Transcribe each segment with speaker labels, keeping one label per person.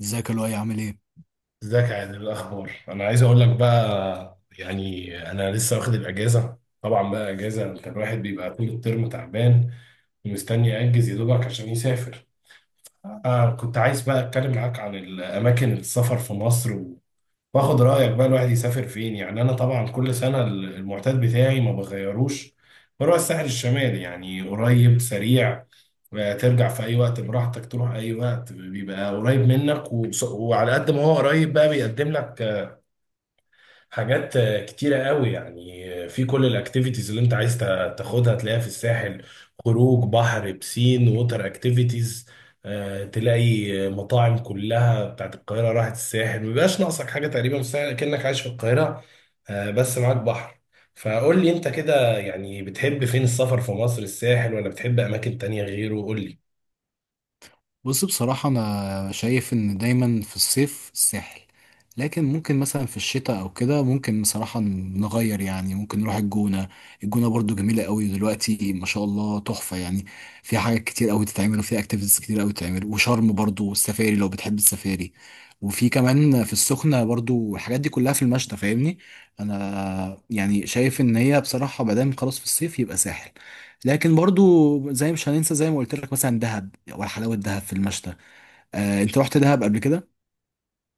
Speaker 1: ازيك يا لؤي عامل ايه؟
Speaker 2: ازيك يا عادل؟ إيه الاخبار؟ انا عايز اقول لك بقى، يعني انا لسه واخد الاجازه. طبعا بقى اجازه، انت الواحد بيبقى طول الترم تعبان ومستني ياجز يا دوبك عشان يسافر. كنت عايز بقى اتكلم معاك عن الاماكن السفر في مصر، واخد رأيك بقى الواحد يسافر فين. يعني انا طبعا كل سنة المعتاد بتاعي ما بغيروش، بروح الساحل الشمالي، يعني قريب سريع. ترجع في اي وقت براحتك، تروح اي وقت، بيبقى قريب منك. وعلى قد ما هو قريب بقى، بيقدم لك حاجات كتيرة قوي. يعني في كل الاكتيفيتيز اللي انت عايز تاخدها، تلاقيها في الساحل. خروج بحر، بسين، ووتر اكتيفيتيز. تلاقي مطاعم كلها بتاعت القاهرة راحت الساحل، مبيبقاش ناقصك حاجة. تقريبا في الساحل كأنك عايش في القاهرة، بس معاك بحر. فقول لي انت كده، يعني بتحب فين السفر في مصر؟ الساحل ولا بتحب اماكن تانية غيره؟ قول لي.
Speaker 1: بص، بصراحة أنا شايف إن دايما في الصيف الساحل. لكن ممكن مثلا في الشتاء أو كده ممكن بصراحة نغير، يعني ممكن نروح الجونة. الجونة برضو جميلة قوي دلوقتي ما شاء الله تحفة يعني. فيها حاجات كتير قوي تتعمل وفيها اكتيفيتيز كتير قوي تتعمل، وشرم برضو والسفاري لو بتحب السفاري. وفي كمان في السخنة برضو، الحاجات دي كلها في المشتى، فاهمني؟ أنا يعني شايف إن هي بصراحة ما دام خلاص في الصيف يبقى ساحل. لكن برضو زي مش هننسى، زي ما قلت لك مثلا دهب، وحلاوة دهب في المشتى. انت رحت دهب قبل كده؟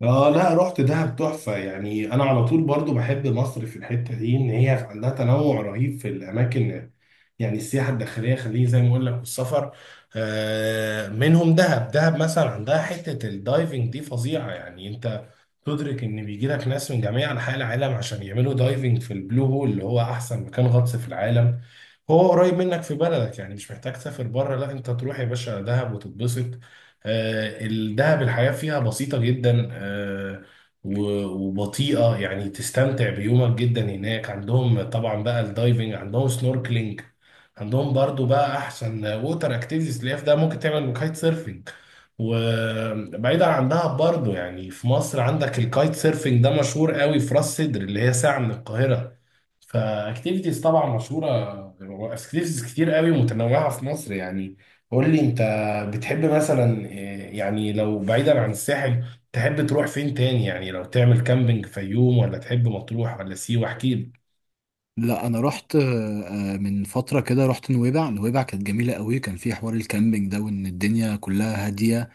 Speaker 2: اه، لا رحت دهب تحفة. يعني انا على طول برضو بحب مصر في الحتة دي، ان هي عندها تنوع رهيب في الاماكن. يعني السياحة الداخلية خليه زي ما اقول لك، والسفر. منهم دهب. دهب مثلا عندها حتة الدايفنج دي فظيعة، يعني انت تدرك ان بيجي لك ناس من جميع انحاء العالم عشان يعملوا دايفنج في البلو هول، اللي هو احسن مكان غطس في العالم. هو قريب منك في بلدك، يعني مش محتاج تسافر بره. لا انت تروح يا باشا دهب وتتبسط. الدهب الحياة فيها بسيطة جدا، وبطيئة. يعني تستمتع بيومك جدا هناك. عندهم طبعا بقى الدايفنج، عندهم سنوركلينج، عندهم برضو بقى احسن ووتر اكتيفيتيز. اللي هي في ده ممكن تعمل كايت سيرفنج. وبعيدا، عندها برضو، يعني في مصر عندك الكايت سيرفينج ده مشهور قوي في راس سدر، اللي هي ساعة من القاهرة. فاكتيفيتيز طبعا مشهورة، اكتيفيتيز كتير قوي متنوعة في مصر يعني. قول لي انت بتحب مثلا إيه، يعني لو بعيدا عن الساحل تحب تروح فين تاني؟ يعني لو تعمل كامبينج في يوم، ولا تحب مطروح، ولا سيوة؟ احكي لي.
Speaker 1: لا، انا رحت من فتره كده رحت نويبع. نويبع كانت جميله قوي، كان في حوار الكامبينج ده وان الدنيا كلها هاديه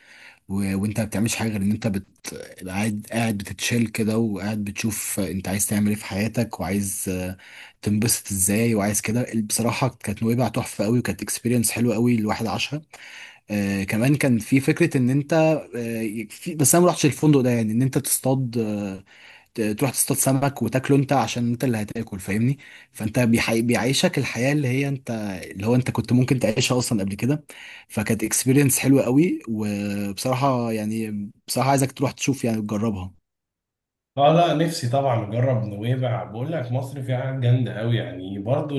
Speaker 1: وانت ما بتعملش حاجه غير ان انت قاعد بتتشيل كده، وقاعد بتشوف انت عايز تعمل ايه في حياتك وعايز تنبسط ازاي وعايز كده. بصراحه كانت نويبع تحفه قوي، وكانت اكسبيرينس حلوه قوي الواحد عاشها. كمان كان في فكرة ان انت آه في بس انا ما رحتش الفندق ده، يعني ان انت تصطاد، تروح تصطاد سمك وتاكله انت عشان انت اللي هتاكل، فاهمني؟ فانت بيعيشك الحياة اللي هي انت، اللي هو انت كنت ممكن تعيشها اصلا قبل كده. فكانت اكسبيرينس حلوة قوي، وبصراحة يعني بصراحة عايزك تروح تشوف، يعني تجربها.
Speaker 2: اه لا، نفسي طبعا اجرب نويبع. بقول لك مصر فيها حاجات جامده قوي، يعني برضو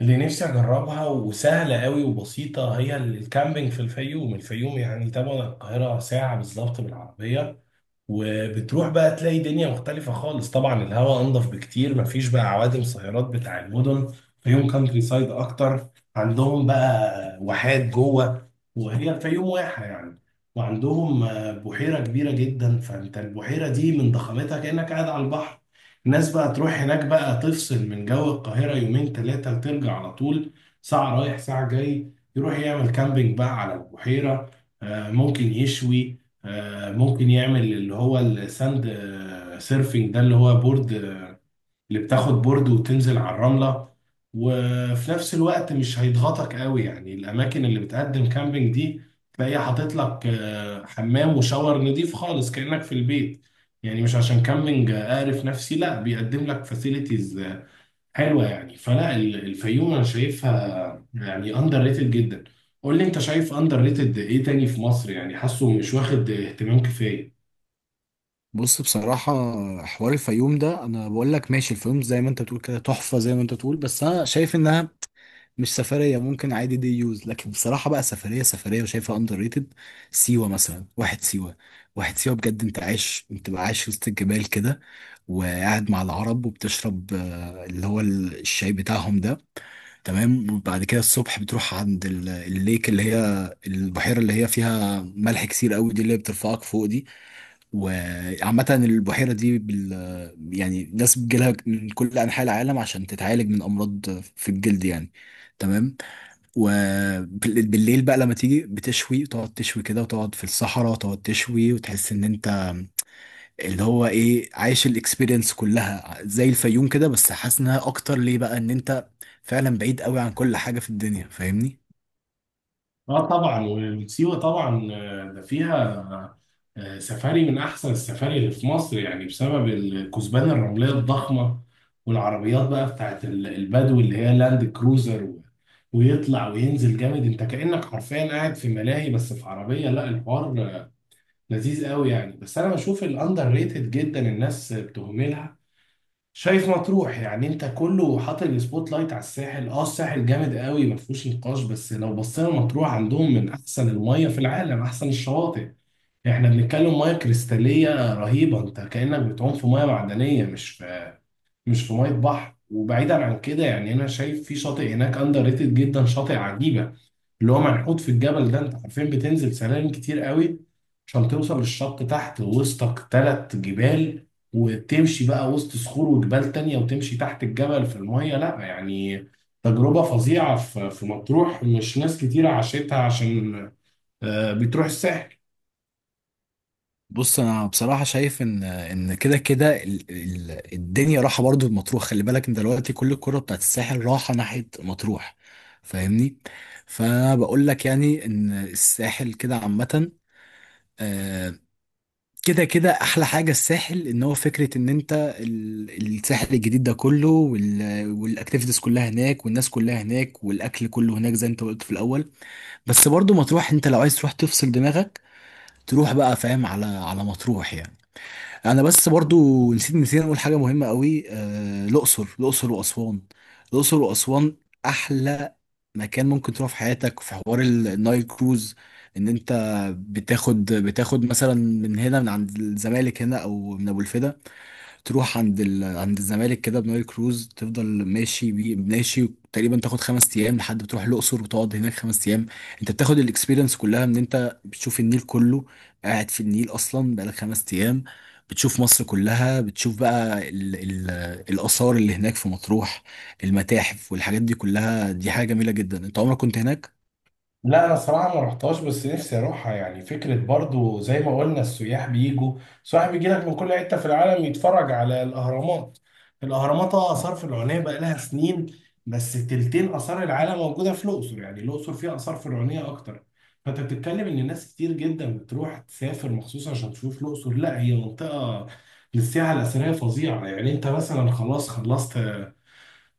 Speaker 2: اللي نفسي اجربها وسهله قوي وبسيطه هي الكامبينج في الفيوم. الفيوم يعني تبعد عن القاهره ساعه بالظبط بالعربيه، وبتروح بقى تلاقي دنيا مختلفة خالص. طبعا الهواء انضف بكتير، مفيش بقى عوادم سيارات بتاع المدن. فيهم كانتري سايد اكتر، عندهم بقى واحات جوه، وهي الفيوم واحة يعني. وعندهم بحيرة كبيرة جدا، فانت البحيرة دي من ضخامتها كأنك قاعد على البحر. الناس بقى تروح هناك بقى تفصل من جو القاهرة يومين ثلاثة وترجع على طول. ساعة رايح ساعة جاي، يروح يعمل كامبينج بقى على البحيرة. ممكن يشوي، ممكن يعمل اللي هو الساند سيرفينج ده، اللي هو بورد اللي بتاخد بورد وتنزل على الرملة. وفي نفس الوقت مش هيضغطك قوي، يعني الأماكن اللي بتقدم كامبينج دي تلاقيها حاطط لك حمام وشاور نضيف خالص كأنك في البيت. يعني مش عشان كامبينج أعرف نفسي، لا، بيقدم لك فاسيلتيز حلوه يعني. فلا الفيوم انا شايفها يعني اندر ريتد جدا. قول لي انت شايف اندر ريتد ايه تاني في مصر، يعني حاسه مش واخد اهتمام كفايه؟
Speaker 1: بص، بصراحة حوار الفيوم ده، أنا بقول لك ماشي الفيوم زي ما أنت بتقول كده تحفة زي ما أنت بتقول، بس أنا شايف إنها مش سفريه، ممكن عادي دي يوز. لكن بصراحه بقى سفريه سفريه وشايفها اندر ريتد، سيوه مثلا. واحد سيوه، واحد سيوه بجد، انت عايش، انت بقى عايش وسط الجبال كده، وقاعد مع العرب وبتشرب اللي هو الشاي بتاعهم ده، تمام؟ وبعد كده الصبح بتروح عند الليك، اللي هي البحيره اللي هي فيها ملح كتير قوي دي، اللي هي بترفعك فوق دي. وعامة البحيرة دي يعني ناس بتجيلها من كل أنحاء العالم عشان تتعالج من أمراض في الجلد يعني، تمام؟ وبالليل بقى لما تيجي بتشوي، تقعد تشوي كده وتقعد في الصحراء تقعد تشوي، وتحس إن أنت اللي هو إيه، عايش الإكسبيرينس كلها زي الفيوم كده، بس حاسس إنها أكتر ليه بقى، إن أنت فعلا بعيد قوي عن كل حاجة في الدنيا، فاهمني؟
Speaker 2: اه طبعا، وسيوه طبعا ده فيها سفاري من احسن السفاري اللي في مصر، يعني بسبب الكثبان الرمليه الضخمه. والعربيات بقى بتاعت البدو، اللي هي لاند كروزر، ويطلع وينزل جامد. انت كأنك حرفيا قاعد في ملاهي، بس في عربيه. لا الحوار لذيذ قوي يعني. بس انا بشوف الاندر ريتد جدا الناس بتهملها. شايف مطروح؟ يعني انت كله حاطط السبوت لايت على الساحل. اه الساحل جامد قوي، ما فيهوش نقاش، بس لو بصينا مطروح عندهم من احسن الميه في العالم، احسن الشواطئ. احنا بنتكلم ميه كريستاليه رهيبه، انت كانك بتعوم في ميه معدنيه، مش في ميه بحر. وبعيدا عن كده، يعني انا شايف في شاطئ هناك اندر ريتد جدا، شاطئ عجيبه اللي هو منحوت في الجبل ده. انت حرفيا بتنزل سلالم كتير قوي عشان توصل للشط تحت، وسطك تلات جبال، وتمشي بقى وسط صخور وجبال تانية، وتمشي تحت الجبل في المية. لا يعني تجربة فظيعة في مطروح، مش ناس كتير عاشتها عشان بتروح الساحل.
Speaker 1: بص، انا بصراحه شايف ان كده كده الدنيا راحه برضو لمطروح، خلي بالك انت دلوقتي كل الكره بتاعت الساحل راحه ناحيه مطروح، فاهمني؟ فانا بقول لك يعني ان الساحل كده عامه، آه، كده كده احلى حاجه الساحل، ان هو فكره ان انت الساحل الجديد ده كله، والاكتيفيتيز كلها هناك والناس كلها هناك والاكل كله هناك زي انت قلت في الاول. بس برضو مطروح، انت لو عايز تروح تفصل دماغك تروح بقى، فاهم، على على مطروح يعني. انا بس برضو نسيت، نسينا نقول حاجه مهمه قوي، الاقصر واسوان، الاقصر واسوان احلى مكان ممكن تروح في حياتك، في حوار النايل كروز، ان انت بتاخد مثلا من هنا من عند الزمالك هنا، او من ابو الفدا، تروح عند عند الزمالك كده بنايل كروز، تفضل ماشي ماشي تقريبا تاخد 5 ايام لحد بتروح الاقصر وتقعد هناك 5 ايام. انت بتاخد الاكسبيرينس كلها، ان انت بتشوف النيل كله، قاعد في النيل اصلا بقالك 5 ايام، بتشوف مصر كلها، بتشوف بقى الاثار اللي هناك في مطروح، المتاحف والحاجات دي كلها، دي حاجه جميله جدا. انت عمرك كنت هناك؟
Speaker 2: لا انا صراحه ما رحتهاش، بس نفسي اروحها، يعني فكره برضو زي ما قلنا السياح بيجوا. السياح بيجي لك من كل حته في العالم يتفرج على الاهرامات. الاهرامات اه اثار فرعونيه بقى لها سنين، بس تلتين اثار العالم موجوده في الاقصر، يعني الاقصر فيها اثار فرعونيه اكتر. فانت بتتكلم ان ناس كتير جدا بتروح تسافر مخصوص عشان تشوف الاقصر. لا هي منطقه للسياحه الاثريه فظيعه يعني. انت مثلا خلاص خلصت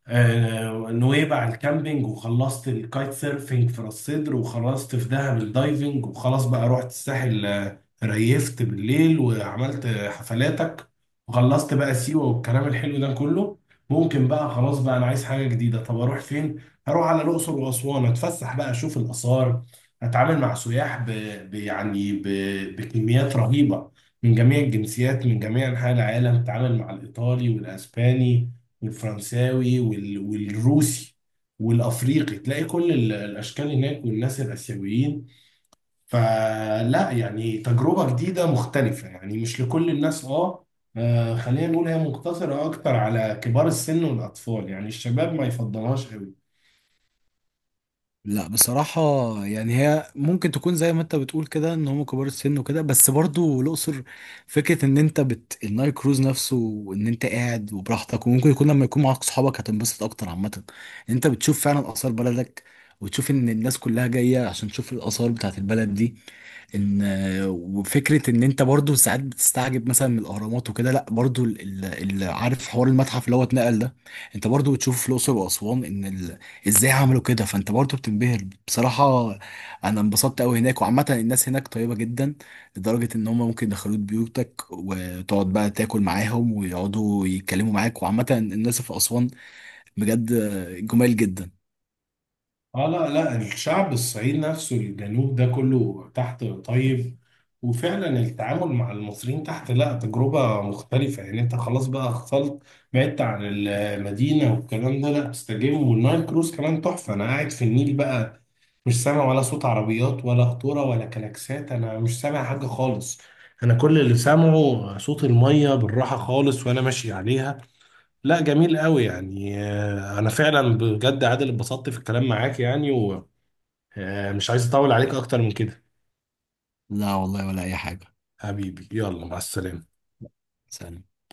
Speaker 2: نويبع الكامبينج، وخلصت الكايت سيرفينج في راس سدر، وخلصت في دهب الدايفنج، وخلاص بقى رحت الساحل ريفت بالليل وعملت حفلاتك، وخلصت بقى سيوة والكلام الحلو ده كله. ممكن بقى خلاص بقى انا عايز حاجة جديدة، طب اروح فين؟ هروح على الأقصر وأسوان، اتفسح بقى اشوف الآثار، اتعامل مع سياح ب... يعني ب... بكميات رهيبة، من جميع الجنسيات من جميع أنحاء العالم. اتعامل مع الإيطالي والأسباني والفرنساوي والروسي والافريقي، تلاقي كل الاشكال هناك، والناس الاسيويين. فلا يعني تجربه جديده مختلفه، يعني مش لكل الناس. اه خلينا نقول هي مقتصره اكتر على كبار السن والاطفال، يعني الشباب ما يفضلهاش قوي.
Speaker 1: لا، بصراحة يعني هي ممكن تكون زي ما انت بتقول كده، ان هم كبار السن وكده، بس برضو الأقصر فكرة ان انت بت النايل كروز نفسه، وان انت قاعد وبراحتك، وممكن يكون لما يكون معاك صحابك هتنبسط اكتر. عامة انت بتشوف فعلا آثار بلدك، وتشوف ان الناس كلها جاية عشان تشوف الآثار بتاعت البلد دي، ان وفكره ان انت برضو ساعات بتستعجب مثلا من الاهرامات وكده، لا برضو اللي عارف حوار المتحف اللي هو اتنقل ده، انت برضو بتشوف في الاقصر واسوان ازاي عملوا كده، فانت برضو بتنبهر. بصراحه انا انبسطت قوي هناك، وعامه الناس هناك طيبه جدا، لدرجه ان هم ممكن يدخلوك بيوتك وتقعد بقى تاكل معاهم ويقعدوا يتكلموا معاك، وعامه الناس في اسوان بجد جمال جدا.
Speaker 2: اه لا لا، الشعب الصعيد نفسه، الجنوب ده كله تحت طيب، وفعلا التعامل مع المصريين تحت لا تجربة مختلفة. يعني انت خلاص بقى خلط، بعدت عن المدينة والكلام ده، لا تستجم. والنايل كروز كمان تحفة، انا قاعد في النيل بقى مش سامع ولا صوت عربيات ولا قطورة ولا كلاكسات، انا مش سامع حاجة خالص. انا كل اللي سامعه صوت المية بالراحة خالص وانا ماشي عليها. لا جميل قوي يعني. انا فعلا بجد عادل اتبسطت في الكلام معاك يعني، ومش عايز اطول عليك اكتر من كده.
Speaker 1: لا والله، ولا اي حاجه.
Speaker 2: حبيبي يلا مع السلامة.
Speaker 1: سلام.